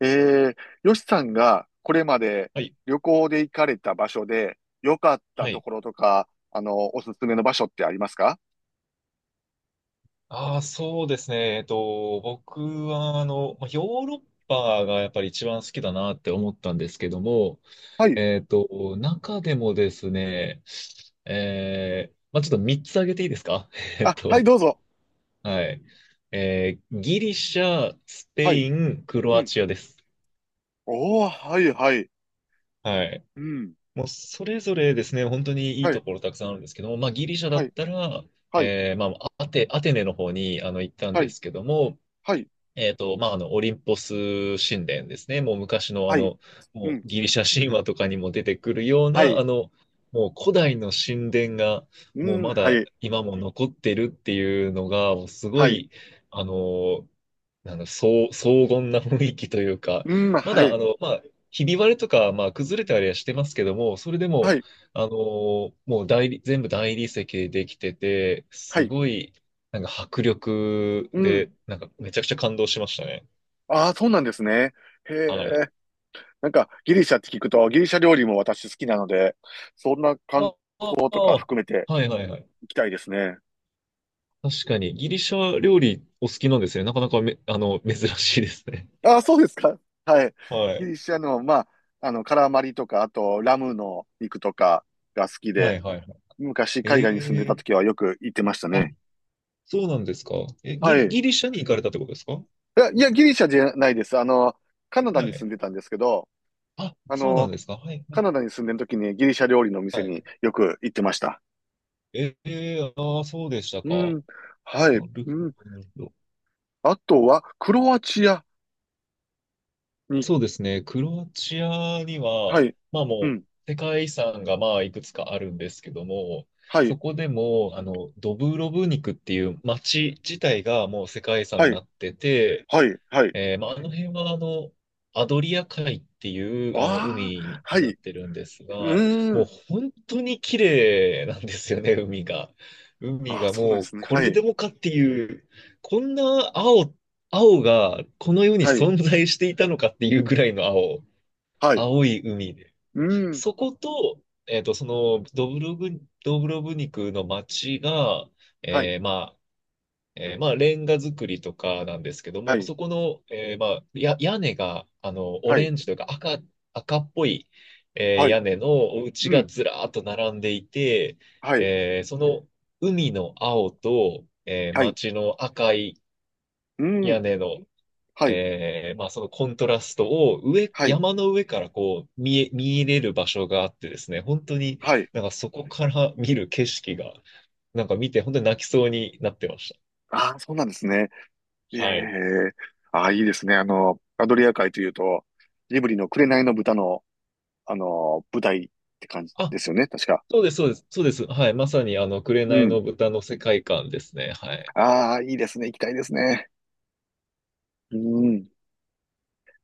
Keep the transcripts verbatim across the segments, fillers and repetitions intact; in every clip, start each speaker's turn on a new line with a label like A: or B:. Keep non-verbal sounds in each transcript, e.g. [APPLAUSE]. A: ええ。よしさんがこれまで
B: はい。
A: 旅行で行かれた場所で良かっ
B: は
A: たと
B: い。
A: ころとか、あの、おすすめの場所ってありますか？
B: ああ、そうですね。えっと、僕は、あの、まあヨーロッパがやっぱり一番好きだなって思ったんですけども、
A: はい。
B: えっと、中でもですね、えー、まあ、ちょっとみっつ挙げていいですか？ [LAUGHS] えっ
A: あ、はい、
B: と、
A: どうぞ。
B: はい。えー、ギリシャ、スペ
A: はい。
B: イン、クロ
A: う
B: ア
A: ん。
B: チアです。
A: おー、はい、はい。
B: はい。
A: うん。
B: もうそれぞれですね、本当にいい
A: は
B: と
A: い、
B: ころたくさんあるんですけども、まあ、ギリシャだ
A: は
B: っ
A: い、
B: たら、
A: はい、
B: えー、まあ、アテ、アテネの方にあの行ったん
A: は
B: で
A: い、
B: すけども、
A: はい、
B: えっと、まあ、あの、オリンポス神殿ですね。もう昔のあ
A: はい。
B: の、
A: う
B: もう
A: ん、
B: ギリシャ神話とかにも出てくるよう
A: は
B: な、
A: い、
B: あの、もう古代の神殿が、
A: う
B: もうま
A: ん、は
B: だ
A: い、
B: 今も残ってるっていうのが、もうすご
A: はい、
B: い、あの、あの、そう荘厳な雰囲気というか、
A: うん、
B: ま
A: は
B: だ、
A: い、
B: あの、まあ、ひび割れとか、まあ、崩れたりはしてますけども、それで
A: は
B: も、
A: い、
B: あのーもう大理、全部大理石でできてて、
A: は
B: す
A: い、
B: ごいなんか迫力
A: うん。
B: で、なんかめちゃくちゃ感動しましたね。
A: ああ、そうなんですね。へ
B: はい。
A: え。なんかギリシャって聞くとギリシャ料理も私好きなので、そんな観
B: あ、あ、
A: 光とか
B: あ、
A: 含めて
B: はいはいはい。
A: 行きたいですね。
B: 確かに、ギリシャ料理お好きなんですね。なかなかめ、あの、珍しいですね。
A: ああ、そうですか。はい。
B: は
A: ギ
B: い。
A: リシャの、まあ、あの、カラマリとか、あと、ラムの肉とかが好き
B: は
A: で、
B: いはいはい。
A: 昔海外に住んでた
B: ええ、
A: 時はよく行ってました
B: あ、
A: ね。
B: そうなんですか。え、ギ
A: は
B: リ、
A: い。い
B: ギリシャに行かれたってことですか？
A: や、いやギリシャじゃないです。あの、カナダ
B: は
A: に住ん
B: い。
A: でたんですけど、
B: あ、
A: あ
B: そうなん
A: の、
B: ですか。はい、は
A: カ
B: い、
A: ナダに住んでる時にギリシャ料理の
B: は
A: 店に
B: い。
A: よく行ってました。
B: ええ、ああー、そうでした
A: う
B: か。
A: ん。はい。
B: なる
A: う
B: ほ
A: ん。
B: ど、なるほど。
A: あとは、クロアチアに、
B: そうですね。クロアチアに
A: は
B: は、
A: い。
B: まあ
A: う
B: も
A: ん。
B: う、世界遺産がまあいくつかあるんですけども、
A: はい。
B: そこでも、あの、ドブロブニクっていう街自体がもう世界遺産
A: は
B: に
A: い。
B: なってて、
A: はい。はい。
B: えーまあ、あの辺はあの、アドリア海っていうあの
A: ああ、
B: 海
A: は
B: に
A: い。
B: なっ
A: う
B: てるんですが、
A: ー
B: もう
A: ん。
B: 本当に綺麗なんですよね、海が。海
A: ああ、
B: が
A: そうなんで
B: もう
A: すね。
B: こ
A: は
B: れで
A: い。
B: もかっていう、こんな青、青がこの世に
A: はい。
B: 存在していたのかっていうぐらいの青、
A: はい。
B: 青い海で。
A: うん。
B: そこと、えっと、そのドブロブ、ドブロブニクの街が、
A: はい。
B: えーまえーまあ、レンガ作りとかなんですけど
A: は
B: も、
A: い。
B: そこの、えーまあ、や、屋根が、あの、オ
A: は
B: レ
A: い。
B: ンジというか赤、赤っぽい、えー
A: は
B: 屋
A: い。
B: 根のお家
A: う
B: が
A: ん。
B: ずらーっと並んでいて、
A: はい。
B: えーその海の青と、えー
A: はい。
B: 街の赤い
A: うん。
B: 屋根の、
A: はい。
B: えーまあ、そのコントラストを上、
A: はい。
B: 山の上からこう見え、見入れる場所があってですね、本当に
A: はい。
B: なんかそこから見る景色が、なんか見て本当に泣きそうになってまし
A: ああ、そうなんですね。え
B: た。はい。
A: え。ああ、いいですね。あの、アドリア海というと、ジブリの紅の豚の、あの、舞台って感じ
B: あ、
A: ですよね。確か。
B: そうです、そうです、そうです。はい。まさに、あの、
A: う
B: 紅
A: ん。
B: の豚の世界観ですね。はい。
A: ああ、いいですね。行きたいですね。うん。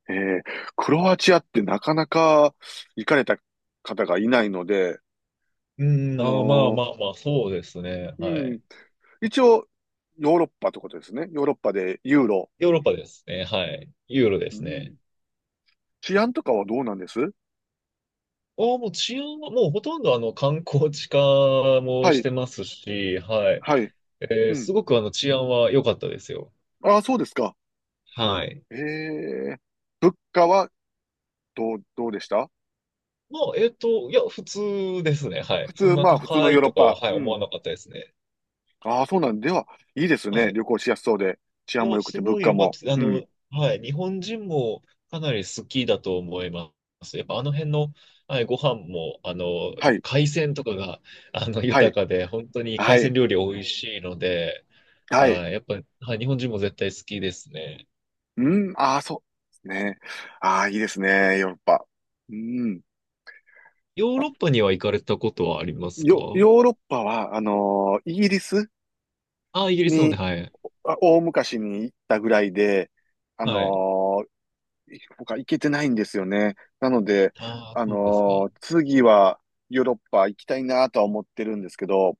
A: ええ。クロアチアってなかなか行かれた方がいないので、
B: うーん、
A: あ
B: あー、まあ
A: の
B: まあまあ、そうですね。
A: ー
B: は
A: うん、
B: い。
A: 一応、ヨーロッパってことですね。ヨーロッパでユーロ。
B: ヨーロッパですね。はい。ユーロで
A: う
B: すね。
A: ん。治安とかはどうなんです？
B: ああ、もう治安は、もうほとんどあの、観光地化も
A: は
B: し
A: い、
B: てますし、はい。
A: はい。
B: え
A: う
B: ー
A: ん。
B: すごくあの、治安は良かったですよ。
A: ああ、そうですか。
B: はい。
A: ええ。物価はどう、どうでした？
B: まあ、えっと、いや、普通ですね。はい。
A: 普
B: そん
A: 通、
B: な
A: まあ、普通の
B: 高
A: ヨ
B: い
A: ーロッ
B: とかは、
A: パ。
B: はい、
A: う
B: 思
A: ん。
B: わなかったですね。
A: ああ、そうなんでは、いいです
B: は
A: ね。
B: い。
A: 旅行しやすそうで。治
B: い
A: 安も
B: や、
A: 良く
B: す
A: て物
B: ごい
A: 価
B: 良かった
A: も。
B: です。あ
A: うん。
B: の、はい、日本人もかなり好きだと思います。やっぱあの辺の、はい、ご飯も、あの、や
A: は
B: っぱ
A: い、
B: 海鮮とかが、あの、
A: は
B: 豊
A: い、
B: かで、本当に
A: は
B: 海鮮
A: い、
B: 料理美味しいので、
A: はい。
B: はい、やっぱ、はい、日本人も絶対好きですね。
A: うん。ああ、そうですね。ああ、いいですね。ヨーロッパ。うん。
B: ヨー
A: あ、
B: ロッパには行かれたことはありますか？
A: ヨ、ヨーロッパは、あのーイギリス
B: あ、イギリスので、
A: に
B: はい。
A: あ大昔に行ったぐらいで、あ
B: はい。
A: のー他行けてないんですよね。なので、
B: ああ、
A: あ
B: そうですか。
A: のー次はヨーロッパ行きたいなとは思ってるんですけど、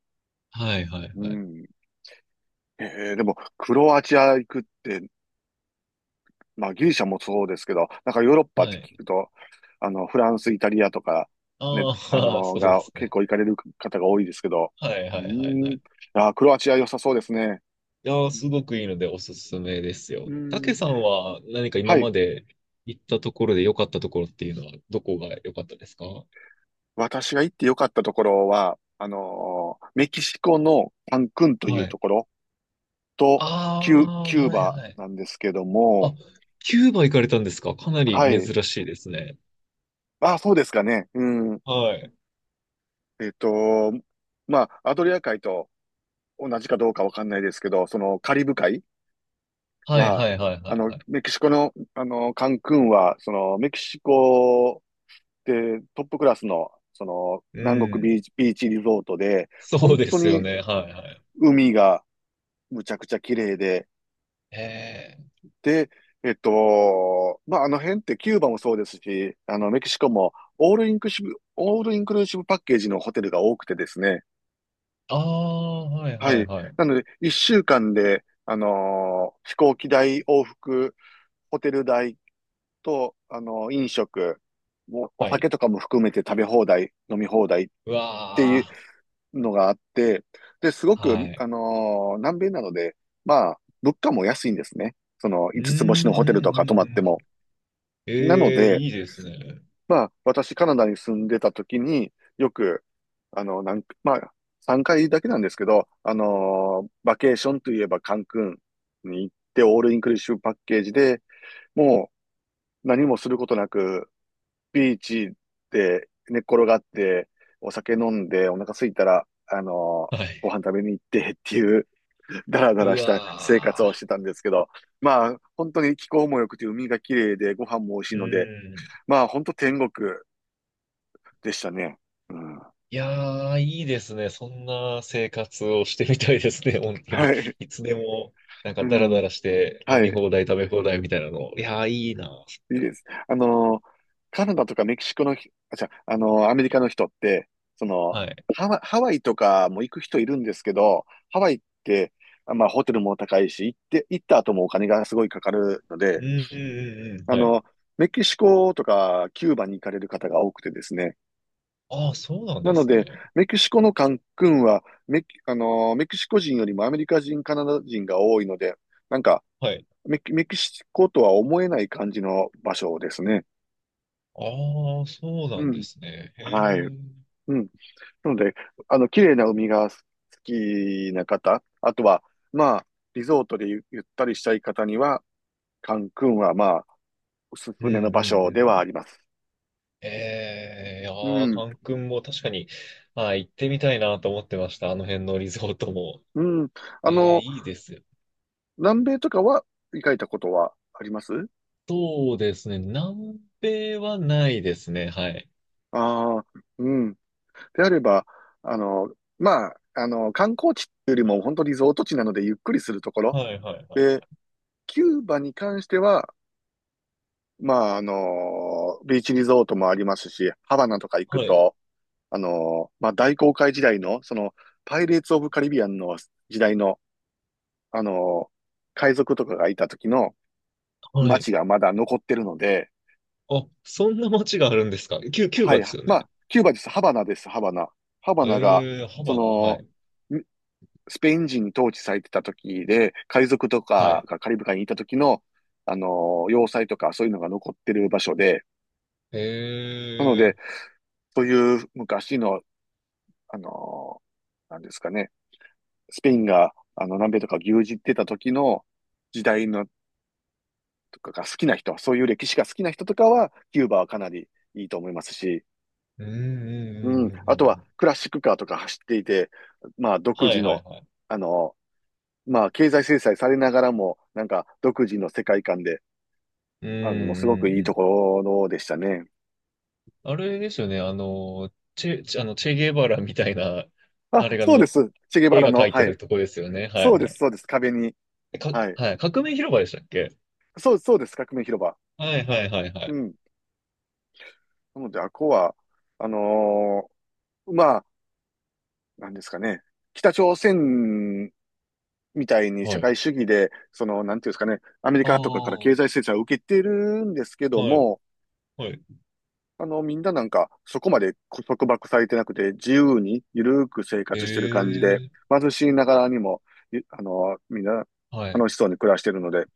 B: はい、はい、
A: う
B: はい。
A: ん。えーでも、クロアチア行くって、まあギリシャもそうですけど、なんかヨーロッパっ
B: は
A: て聞
B: い。
A: くと、あの、フランス、イタリアとか、ね、
B: ああ、
A: あ
B: [LAUGHS]
A: のー
B: そうで
A: が
B: す
A: 結
B: ね。
A: 構行かれる方が多いですけど、
B: はい、
A: う
B: はい、はい、は
A: ん。
B: い。
A: あー、クロアチア良さそうですね。
B: いやー、すごくいいのでおすすめです
A: う
B: よ。たけ
A: ん。
B: さんは何か今
A: はい。
B: まで行ったところで良かったところっていうのはどこが良かったですか？は
A: 私が行って良かったところは、あのーメキシコのカンクンという
B: い。
A: ところと、キュ、
B: あ
A: キ
B: あ、
A: ュー
B: はい
A: バ
B: はい。
A: なんですけど
B: あ、
A: も、
B: キューバ行かれたんですか？かなり
A: は
B: 珍
A: い。
B: しいですね。
A: あ、そうですかね。うん。
B: はい。
A: えっと、まあ、アドリア海と同じかどうかわかんないですけど、そのカリブ海
B: はい
A: は、
B: はいはい
A: あ
B: はい
A: の、
B: はい。
A: メキシコの、あの、カンクンは、その、メキシコでトップクラスの、その、
B: う
A: 南国
B: ん。
A: ビーチ、ビーチリゾートで、
B: そう
A: 本
B: で
A: 当
B: すよ
A: に
B: ね。はいはい。
A: 海がむちゃくちゃ綺麗で、
B: ええ。
A: で、えっと、まあ、あの辺ってキューバもそうですし、あの、メキシコもオールインクルーシブ、オールインクルーシブパッケージのホテルが多くてですね。
B: ああ、はい
A: は
B: はい
A: い。
B: はい。
A: なので、一週間で、あのー飛行機代、往復、ホテル代と、あのー飲食、もお
B: は
A: 酒
B: い。
A: とかも含めて食べ放題、飲み放題っ
B: う
A: て
B: わ
A: いう
B: あ、
A: のがあって、で、すご
B: は
A: く、
B: い。
A: あのー南米なので、まあ、物価も安いんですね。その、
B: うん、う
A: 五つ星のホテル
B: ん、
A: と
B: う
A: か泊
B: ん、
A: ま
B: う
A: って
B: ん。
A: も。なの
B: ええ、
A: で、
B: いいですね。
A: まあ、私、カナダに住んでた時に、よく、あの、なんか、まあ、さんかいだけなんですけど、あのーバケーションといえばカンクンに行って、オールインクルーシブパッケージで、もう何もすることなく、ビーチで寝っ転がって、お酒飲んで、お腹空いたら、あのー
B: は
A: ご
B: い。
A: 飯食べに行ってっていう、だらだら
B: う
A: した生活
B: わ
A: をして
B: ー。
A: たんですけど、まあ、本当に気候も良くて、海が綺麗で、ご飯も美味しい
B: う
A: ので、
B: ん。
A: まあ、本当天国でしたね。うん。
B: いやー、いいですね。そんな生活をしてみたいですね。[LAUGHS] 本当に。
A: はい。
B: いつでも、なん
A: う
B: かダラダ
A: ん。
B: ラして
A: は
B: 飲み
A: い。
B: 放題、食べ放題みたいなの。いやー、いいな。そ
A: いい
B: れは
A: です。あの、カナダとかメキシコのひ、あ、じゃあ、あの、アメリカの人って、その、
B: はい。
A: ハワイ、ハワイとかも行く人いるんですけど、ハワイって、あまあ、ホテルも高いし、行って、行った後もお金がすごいかかるの
B: う
A: で、
B: んうんうんうん。
A: あ
B: はい。
A: の、メキシコとかキューバに行かれる方が多くてですね。
B: ああ、そうなん
A: な
B: で
A: の
B: す
A: で、
B: ね。
A: メキシコのカンクンはメキ、あの、メキシコ人よりもアメリカ人、カナダ人が多いので、なんか、
B: はい。
A: メキ、メキシコとは思えない感じの場所ですね。
B: ああ、そうな
A: う
B: んで
A: ん。
B: すね。へえ。
A: はい。
B: うん
A: うん。なので、あの、綺麗な海が好きな方、あとは、まあ、リゾートでゆ、ゆったりしたい方には、カンクンは、まあ、おす
B: う
A: す
B: ん
A: め
B: う
A: の
B: ん
A: 場
B: う
A: 所ではあ
B: ん。
A: ります。
B: ええ、いや
A: う
B: ー、
A: ん。
B: カン君も確かに、あー行ってみたいなと思ってました。あの辺のリゾートも。
A: うん。あ
B: ええ、
A: の、
B: いいですよね。
A: 南米とかは行かれたことはあります？
B: そうですね。南米はないですね。はい。
A: ああ、うん。であれば、あの、まあ、あの、観光地っていうよりも、本当リゾート地なので、ゆっくりするところ。
B: はいはいは
A: で、
B: い。
A: キューバに関しては、まあ、あの、ビーチリゾートもありますし、ハバナとか行く
B: はい。
A: と、あの、まあ、大航海時代の、その、パイレーツ・オブ・カリビアンの時代の、あの、海賊とかがいた時の
B: はい。
A: 街がまだ残ってるので、
B: あ、そんな街があるんですか？キュ、キュー
A: は
B: バで
A: い、
B: すよ
A: ま
B: ね。
A: あ、キューバです。ハバナです、ハバナ。ハバナが、
B: えー、ハ
A: そ
B: バナは
A: の、
B: い。
A: んスペイン人に統治されてた時で、海賊と
B: は
A: か
B: い。
A: がカリブ海にいた時の、あの、要塞とかそういうのが残ってる場所で、なので、
B: え
A: そういう昔の、あのなんですかね、スペインが、あの、南米とか牛耳ってた時の時代のとかが好きな人、そういう歴史が好きな人とかは、キューバはかなりいいと思いますし、
B: ー、うんうん
A: うん。
B: うんう
A: あ
B: ん
A: と
B: う
A: は、
B: ん。
A: クラシックカーとか走っていて、まあ、独
B: は
A: 自
B: いはい
A: の、
B: はい。
A: あのまあ、経済制裁されながらも、なんか、独自の世界観で、
B: うん
A: あの、すご
B: う
A: く
B: ん
A: いい
B: う
A: と
B: ん。
A: ころでしたね。
B: あれですよね。あの、チェ、チェあの、チェゲバラみたいな、
A: あ、
B: あれが
A: そうで
B: の、
A: す。チェゲバ
B: 絵
A: ラ
B: が
A: の、
B: 描いて
A: は
B: あ
A: い。
B: るとこですよね。は
A: そ
B: い
A: う
B: は
A: です、
B: い。
A: そうです。壁に。
B: えか、
A: はい。
B: はい。革命広場でしたっけ？
A: そう、そうです。革命広場。
B: はいはいはいは
A: う
B: い。
A: ん。なので、あこは、あのーまあ、なんですかね、北朝鮮みたいに社
B: はい。
A: 会主義で、その、なんていうんですかね、アメリ
B: ああ、
A: カとかから
B: は
A: 経済制裁を受けてるんですけど
B: い。
A: も、
B: はい、
A: あの、みんななんか、そこまで束縛されてなくて、自由に、ゆるく生活してる感じで、
B: ええ、
A: 貧しいながらにも、いあの、みんな、
B: はい。
A: 楽しそうに暮らしてるので、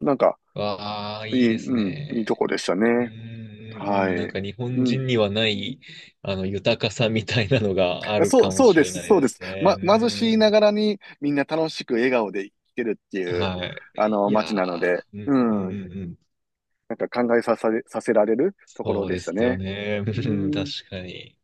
A: なんか、
B: わあ、
A: い
B: いい
A: い、
B: です
A: うん、いいと
B: ね。
A: こでした
B: うん
A: ね。
B: うんう
A: は
B: ん。なん
A: い。
B: か日
A: う
B: 本
A: ん。
B: 人にはない、あの、豊かさみたいなのがある
A: そ
B: か
A: う、
B: も
A: そう
B: し
A: で
B: れ
A: す、
B: ない
A: そう
B: で
A: で
B: す
A: す。
B: ね。
A: ま、
B: う
A: 貧しいな
B: ん
A: がらにみんな楽しく笑顔で生きてるって
B: うん。
A: いう、
B: はい。
A: あの、
B: い
A: 街
B: や
A: なので、
B: ー、
A: う
B: うんうんうん
A: ん、
B: うん。
A: なんか考えさせ、させられるところ
B: そう
A: で
B: で
A: した
B: すよ
A: ね。
B: ね。う
A: う
B: ん、
A: ん。
B: 確かに。